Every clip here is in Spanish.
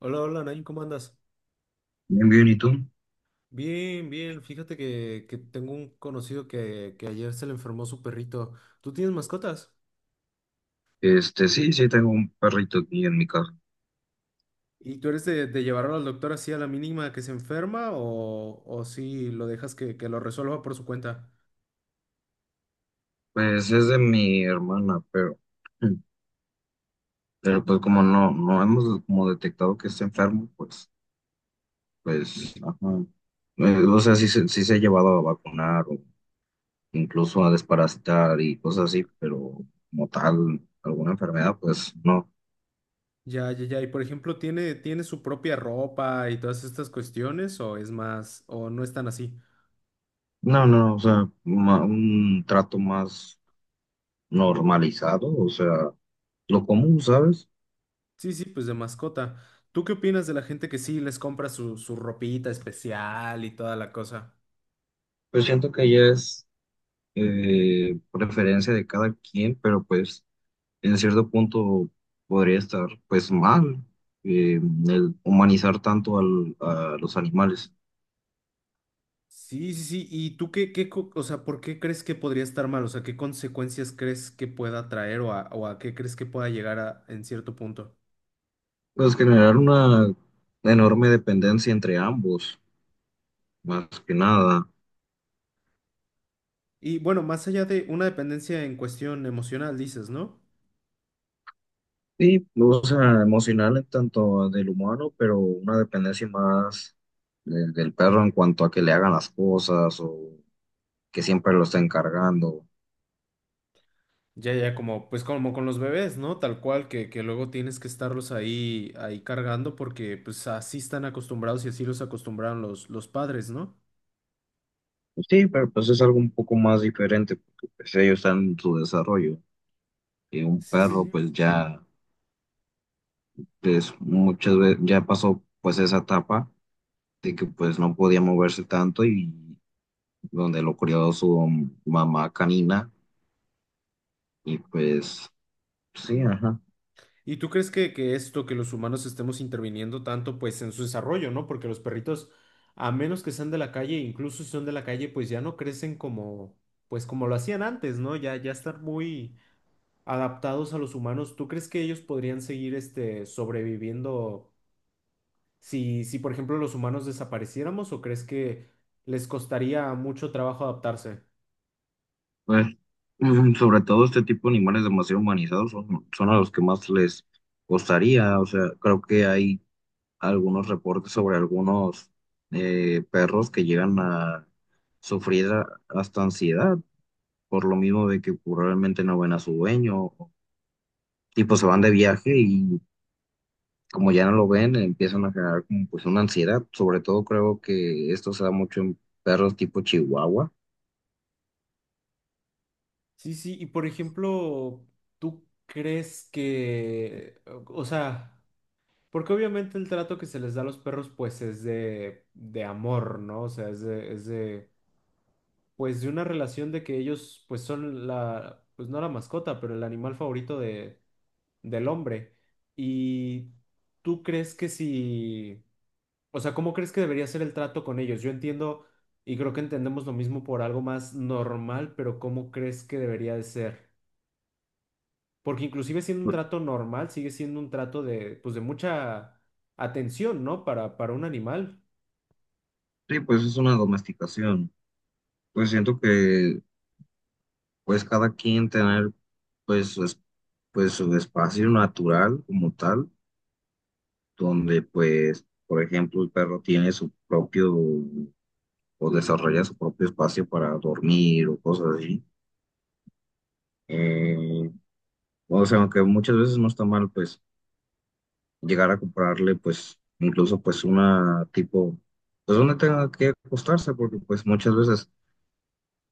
Hola, hola, Nain, ¿cómo andas? Bien, bien, ¿y tú? Bien, bien. Fíjate que tengo un conocido que ayer se le enfermó su perrito. ¿Tú tienes mascotas? Sí, sí, tengo un perrito aquí en mi casa. ¿Y tú eres de llevarlo al doctor así a la mínima que se enferma o si lo dejas que lo resuelva por su cuenta? Pues es de mi hermana, pero, pero pues como no hemos como detectado que está enfermo, pues, pues, ajá. O sea, sí, sí se ha llevado a vacunar o incluso a desparasitar y cosas así, pero como tal, alguna enfermedad, pues no. Ya, ya, ya. Y por ejemplo, ¿tiene su propia ropa y todas estas cuestiones o es más, o no es tan así? No, no, o sea, un trato más normalizado, o sea, lo común, ¿sabes? Sí, sí, pues de mascota. ¿Tú qué opinas de la gente que sí les compra su ropita especial y toda la cosa? Pues siento que ya es preferencia de cada quien, pero pues en cierto punto podría estar pues mal eh, el humanizar tanto a los animales. Sí, sí, sí. ¿Y tú qué, o sea, por qué crees que podría estar mal? O sea, ¿qué consecuencias crees que pueda traer o a qué crees que pueda llegar a, en cierto punto? Pues generar una enorme dependencia entre ambos, más que nada. Y bueno, más allá de una dependencia en cuestión emocional, dices, ¿no? Sí, o sea, emocional en tanto del humano, pero una dependencia más del perro en cuanto a que le hagan las cosas o que siempre lo estén cargando. Ya, ya, como, pues como con los bebés, ¿no? Tal cual, que luego tienes que estarlos ahí cargando porque pues así están acostumbrados y así los acostumbraron los padres, ¿no? Sí, pero pues es algo un poco más diferente porque pues, ellos están en su desarrollo. Y un Sí, sí, perro sí. pues ya pues, muchas veces ya pasó pues esa etapa de que pues no podía moverse tanto y donde lo crió su mamá canina y pues sí, ajá. ¿Y tú crees que esto, que los humanos estemos interviniendo tanto, pues en su desarrollo, ¿no? Porque los perritos, a menos que sean de la calle, incluso si son de la calle, pues ya no crecen como, pues como lo hacían antes, ¿no? Ya, ya están muy adaptados a los humanos. ¿Tú crees que ellos podrían seguir, este, sobreviviendo si, por ejemplo, los humanos desapareciéramos o crees que les costaría mucho trabajo adaptarse? Pues sobre todo este tipo de animales demasiado humanizados son, son a los que más les costaría, o sea, creo que hay algunos reportes sobre algunos perros que llegan a sufrir hasta ansiedad por lo mismo de que probablemente no ven a su dueño, tipo se van de viaje y como ya no lo ven empiezan a generar como pues una ansiedad, sobre todo creo que esto se da mucho en perros tipo Chihuahua. Sí, sí, y por ejemplo, ¿tú crees que, o sea, Porque obviamente el trato que se les da a los perros, pues es de amor, ¿no? O sea, es de, pues de una relación de que ellos, pues son la, pues no la mascota, pero el animal favorito de, del hombre. Y tú crees que si, o sea, ¿cómo crees que debería ser el trato con ellos? Yo entiendo y creo que entendemos lo mismo por algo más normal, pero ¿cómo crees que debería de ser? Porque inclusive siendo un trato normal, sigue siendo un trato de, pues, de mucha atención, ¿no? Para un animal. Sí, pues es una domesticación. Pues siento que pues cada quien tener pues pues su espacio natural como tal donde pues, por ejemplo, el perro tiene su propio o desarrolla su propio espacio para dormir o cosas así. Eh, o sea, aunque muchas veces no está mal, pues, llegar a comprarle, pues, incluso, pues, una tipo, pues, donde tenga que acostarse, porque, pues, muchas veces,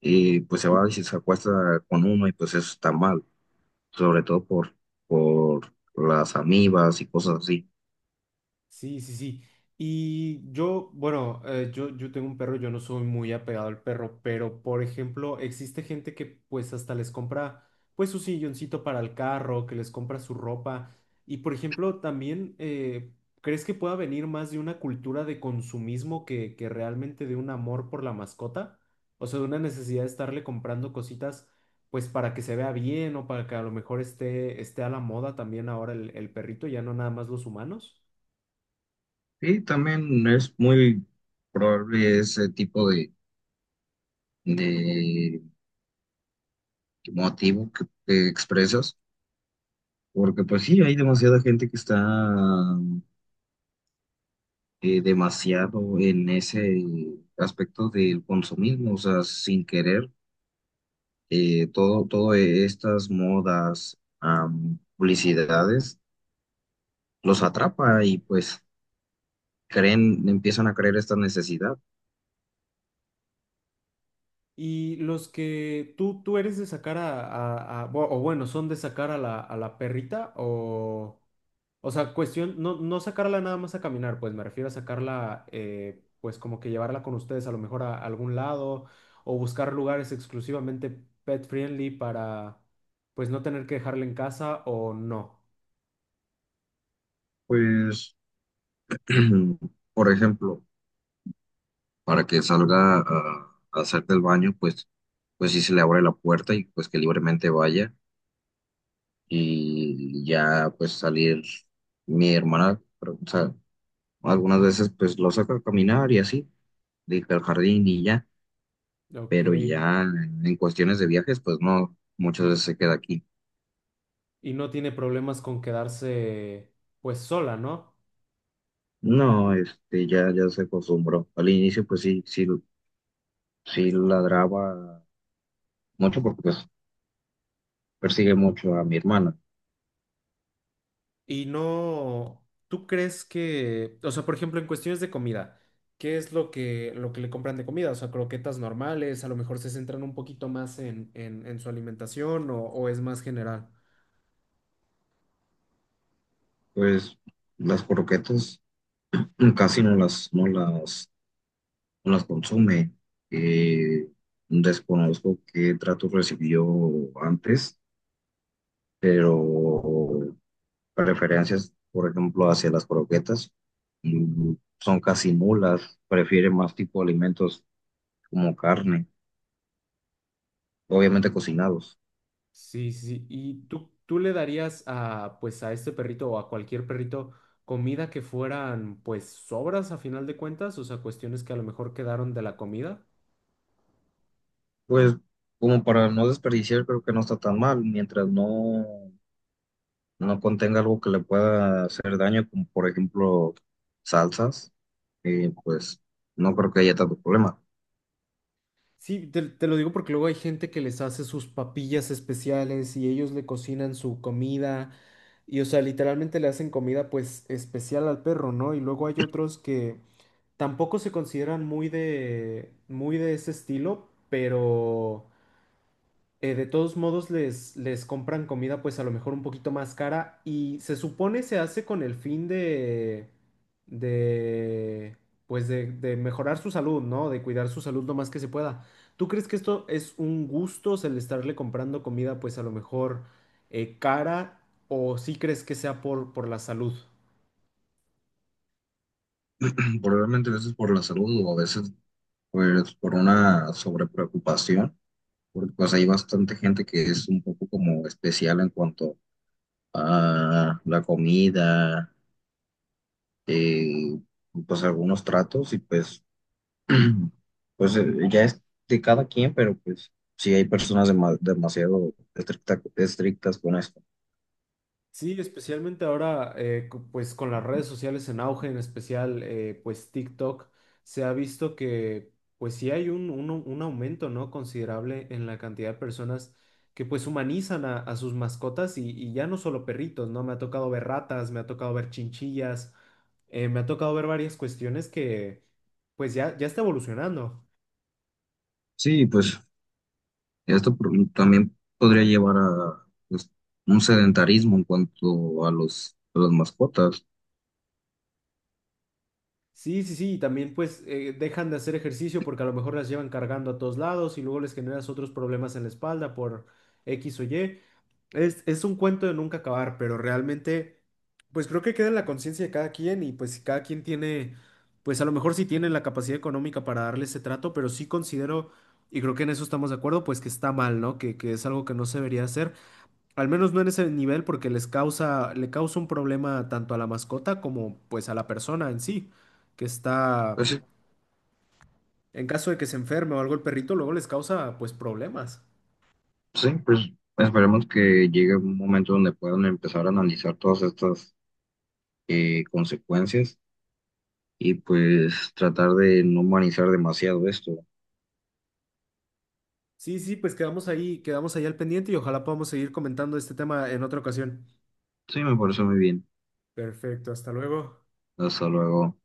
pues, se va y se acuesta con uno y, pues, eso está mal, sobre todo por las amibas y cosas así. Sí, sí, sí. Y yo, bueno, yo tengo un perro, yo no soy muy apegado al perro, pero por ejemplo, existe gente que pues hasta les compra pues su silloncito para el carro, que les compra su ropa. Y por ejemplo, también, ¿crees que pueda venir más de una cultura de consumismo que realmente de un amor por la mascota? O sea, de una necesidad de estarle comprando cositas pues para que se vea bien o para que a lo mejor esté a la moda también ahora el perrito, ya no nada más los humanos. Y también es muy probable ese tipo de motivo que expresas, porque pues sí, hay demasiada gente que está demasiado en ese aspecto del consumismo, o sea, sin querer, todo estas modas, publicidades, los atrapa y pues creen, empiezan a creer esta necesidad. Y los que tú eres de sacar o bueno, son de sacar a la perrita o sea, cuestión, no, no sacarla nada más a caminar, pues me refiero a sacarla, pues como que llevarla con ustedes a lo mejor a, algún lado o buscar lugares exclusivamente pet friendly para, pues no tener que dejarla en casa o no. Pues, por ejemplo, para que salga a hacer del baño, pues, pues sí se le abre la puerta y pues que libremente vaya y ya pues salir mi hermana, pero, o sea, algunas veces pues lo saca a caminar y así, de que al jardín y ya, Ok. pero ya en cuestiones de viajes pues no, muchas veces se queda aquí. Y no tiene problemas con quedarse, pues sola, ¿no? No, ya, ya se acostumbró. Al inicio pues sí, sí, sí ladraba mucho porque pues persigue mucho a mi hermana. Y no, ¿tú crees que, o sea, por ejemplo, en cuestiones de comida, ¿qué es lo que le compran de comida? O sea, croquetas normales, a lo mejor se centran un poquito más en su alimentación o es más general. Pues las croquetas casi no las, no las consume. Eh, Desconozco qué trato recibió antes, pero preferencias, por ejemplo, hacia las croquetas mm, son casi nulas. Prefiere más tipo de alimentos como carne, obviamente cocinados. Sí, sí. ¿Y tú le darías a, pues, a este perrito o a cualquier perrito comida que fueran, pues, sobras a final de cuentas? O sea, cuestiones que a lo mejor quedaron de la comida. Pues como para no desperdiciar, creo que no está tan mal, mientras no, no contenga algo que le pueda hacer daño, como por ejemplo salsas, pues no creo que haya tanto problema. Sí, te lo digo porque luego hay gente que les hace sus papillas especiales y ellos le cocinan su comida y, o sea, literalmente le hacen comida pues especial al perro, ¿no? Y luego hay otros que tampoco se consideran muy de ese estilo, pero de todos modos les compran comida pues a lo mejor un poquito más cara y se supone se hace con el fin de pues de mejorar su salud, ¿no? De cuidar su salud lo más que se pueda. ¿Tú crees que esto es un gusto, o sea, el estarle comprando comida pues a lo mejor cara o sí crees que sea por la salud? Probablemente a veces por la salud o a veces pues por una sobrepreocupación, porque pues hay bastante gente que es un poco como especial en cuanto a la comida, eh, pues algunos tratos y pues, pues ya es de cada quien, pero pues sí hay personas demasiado estrictas con esto. Sí, especialmente ahora, pues con las redes sociales en auge, en especial, pues TikTok, se ha visto que, pues sí hay un, un aumento, ¿no? Considerable en la cantidad de personas que pues humanizan a sus mascotas y ya no solo perritos, ¿no? Me ha tocado ver ratas, me ha tocado ver chinchillas, me ha tocado ver varias cuestiones que, pues ya, ya está evolucionando. Sí, pues esto también podría llevar a pues, un sedentarismo en cuanto a los, a las mascotas. Sí, sí, sí, y también pues dejan de hacer ejercicio porque a lo mejor las llevan cargando a todos lados y luego les generas otros problemas en la espalda por X o Y. Es un cuento de nunca acabar, pero realmente pues creo que queda en la conciencia de cada quien y pues si cada quien tiene, pues a lo mejor sí tiene la capacidad económica para darle ese trato, pero sí considero, y creo que en eso estamos de acuerdo, pues que está mal, ¿no? Que es algo que no se debería hacer. Al menos no en ese nivel porque les causa, le causa un problema tanto a la mascota como pues a la persona en sí, que está, Pues sí. en caso de que se enferme o algo el perrito, luego les causa pues problemas. Sí, pues esperemos que llegue un momento donde puedan empezar a analizar todas estas consecuencias y pues tratar de no humanizar demasiado esto. Sí, sí, pues quedamos ahí al pendiente y ojalá podamos seguir comentando este tema en otra ocasión. Sí, me parece muy bien. Perfecto, hasta luego. Hasta luego.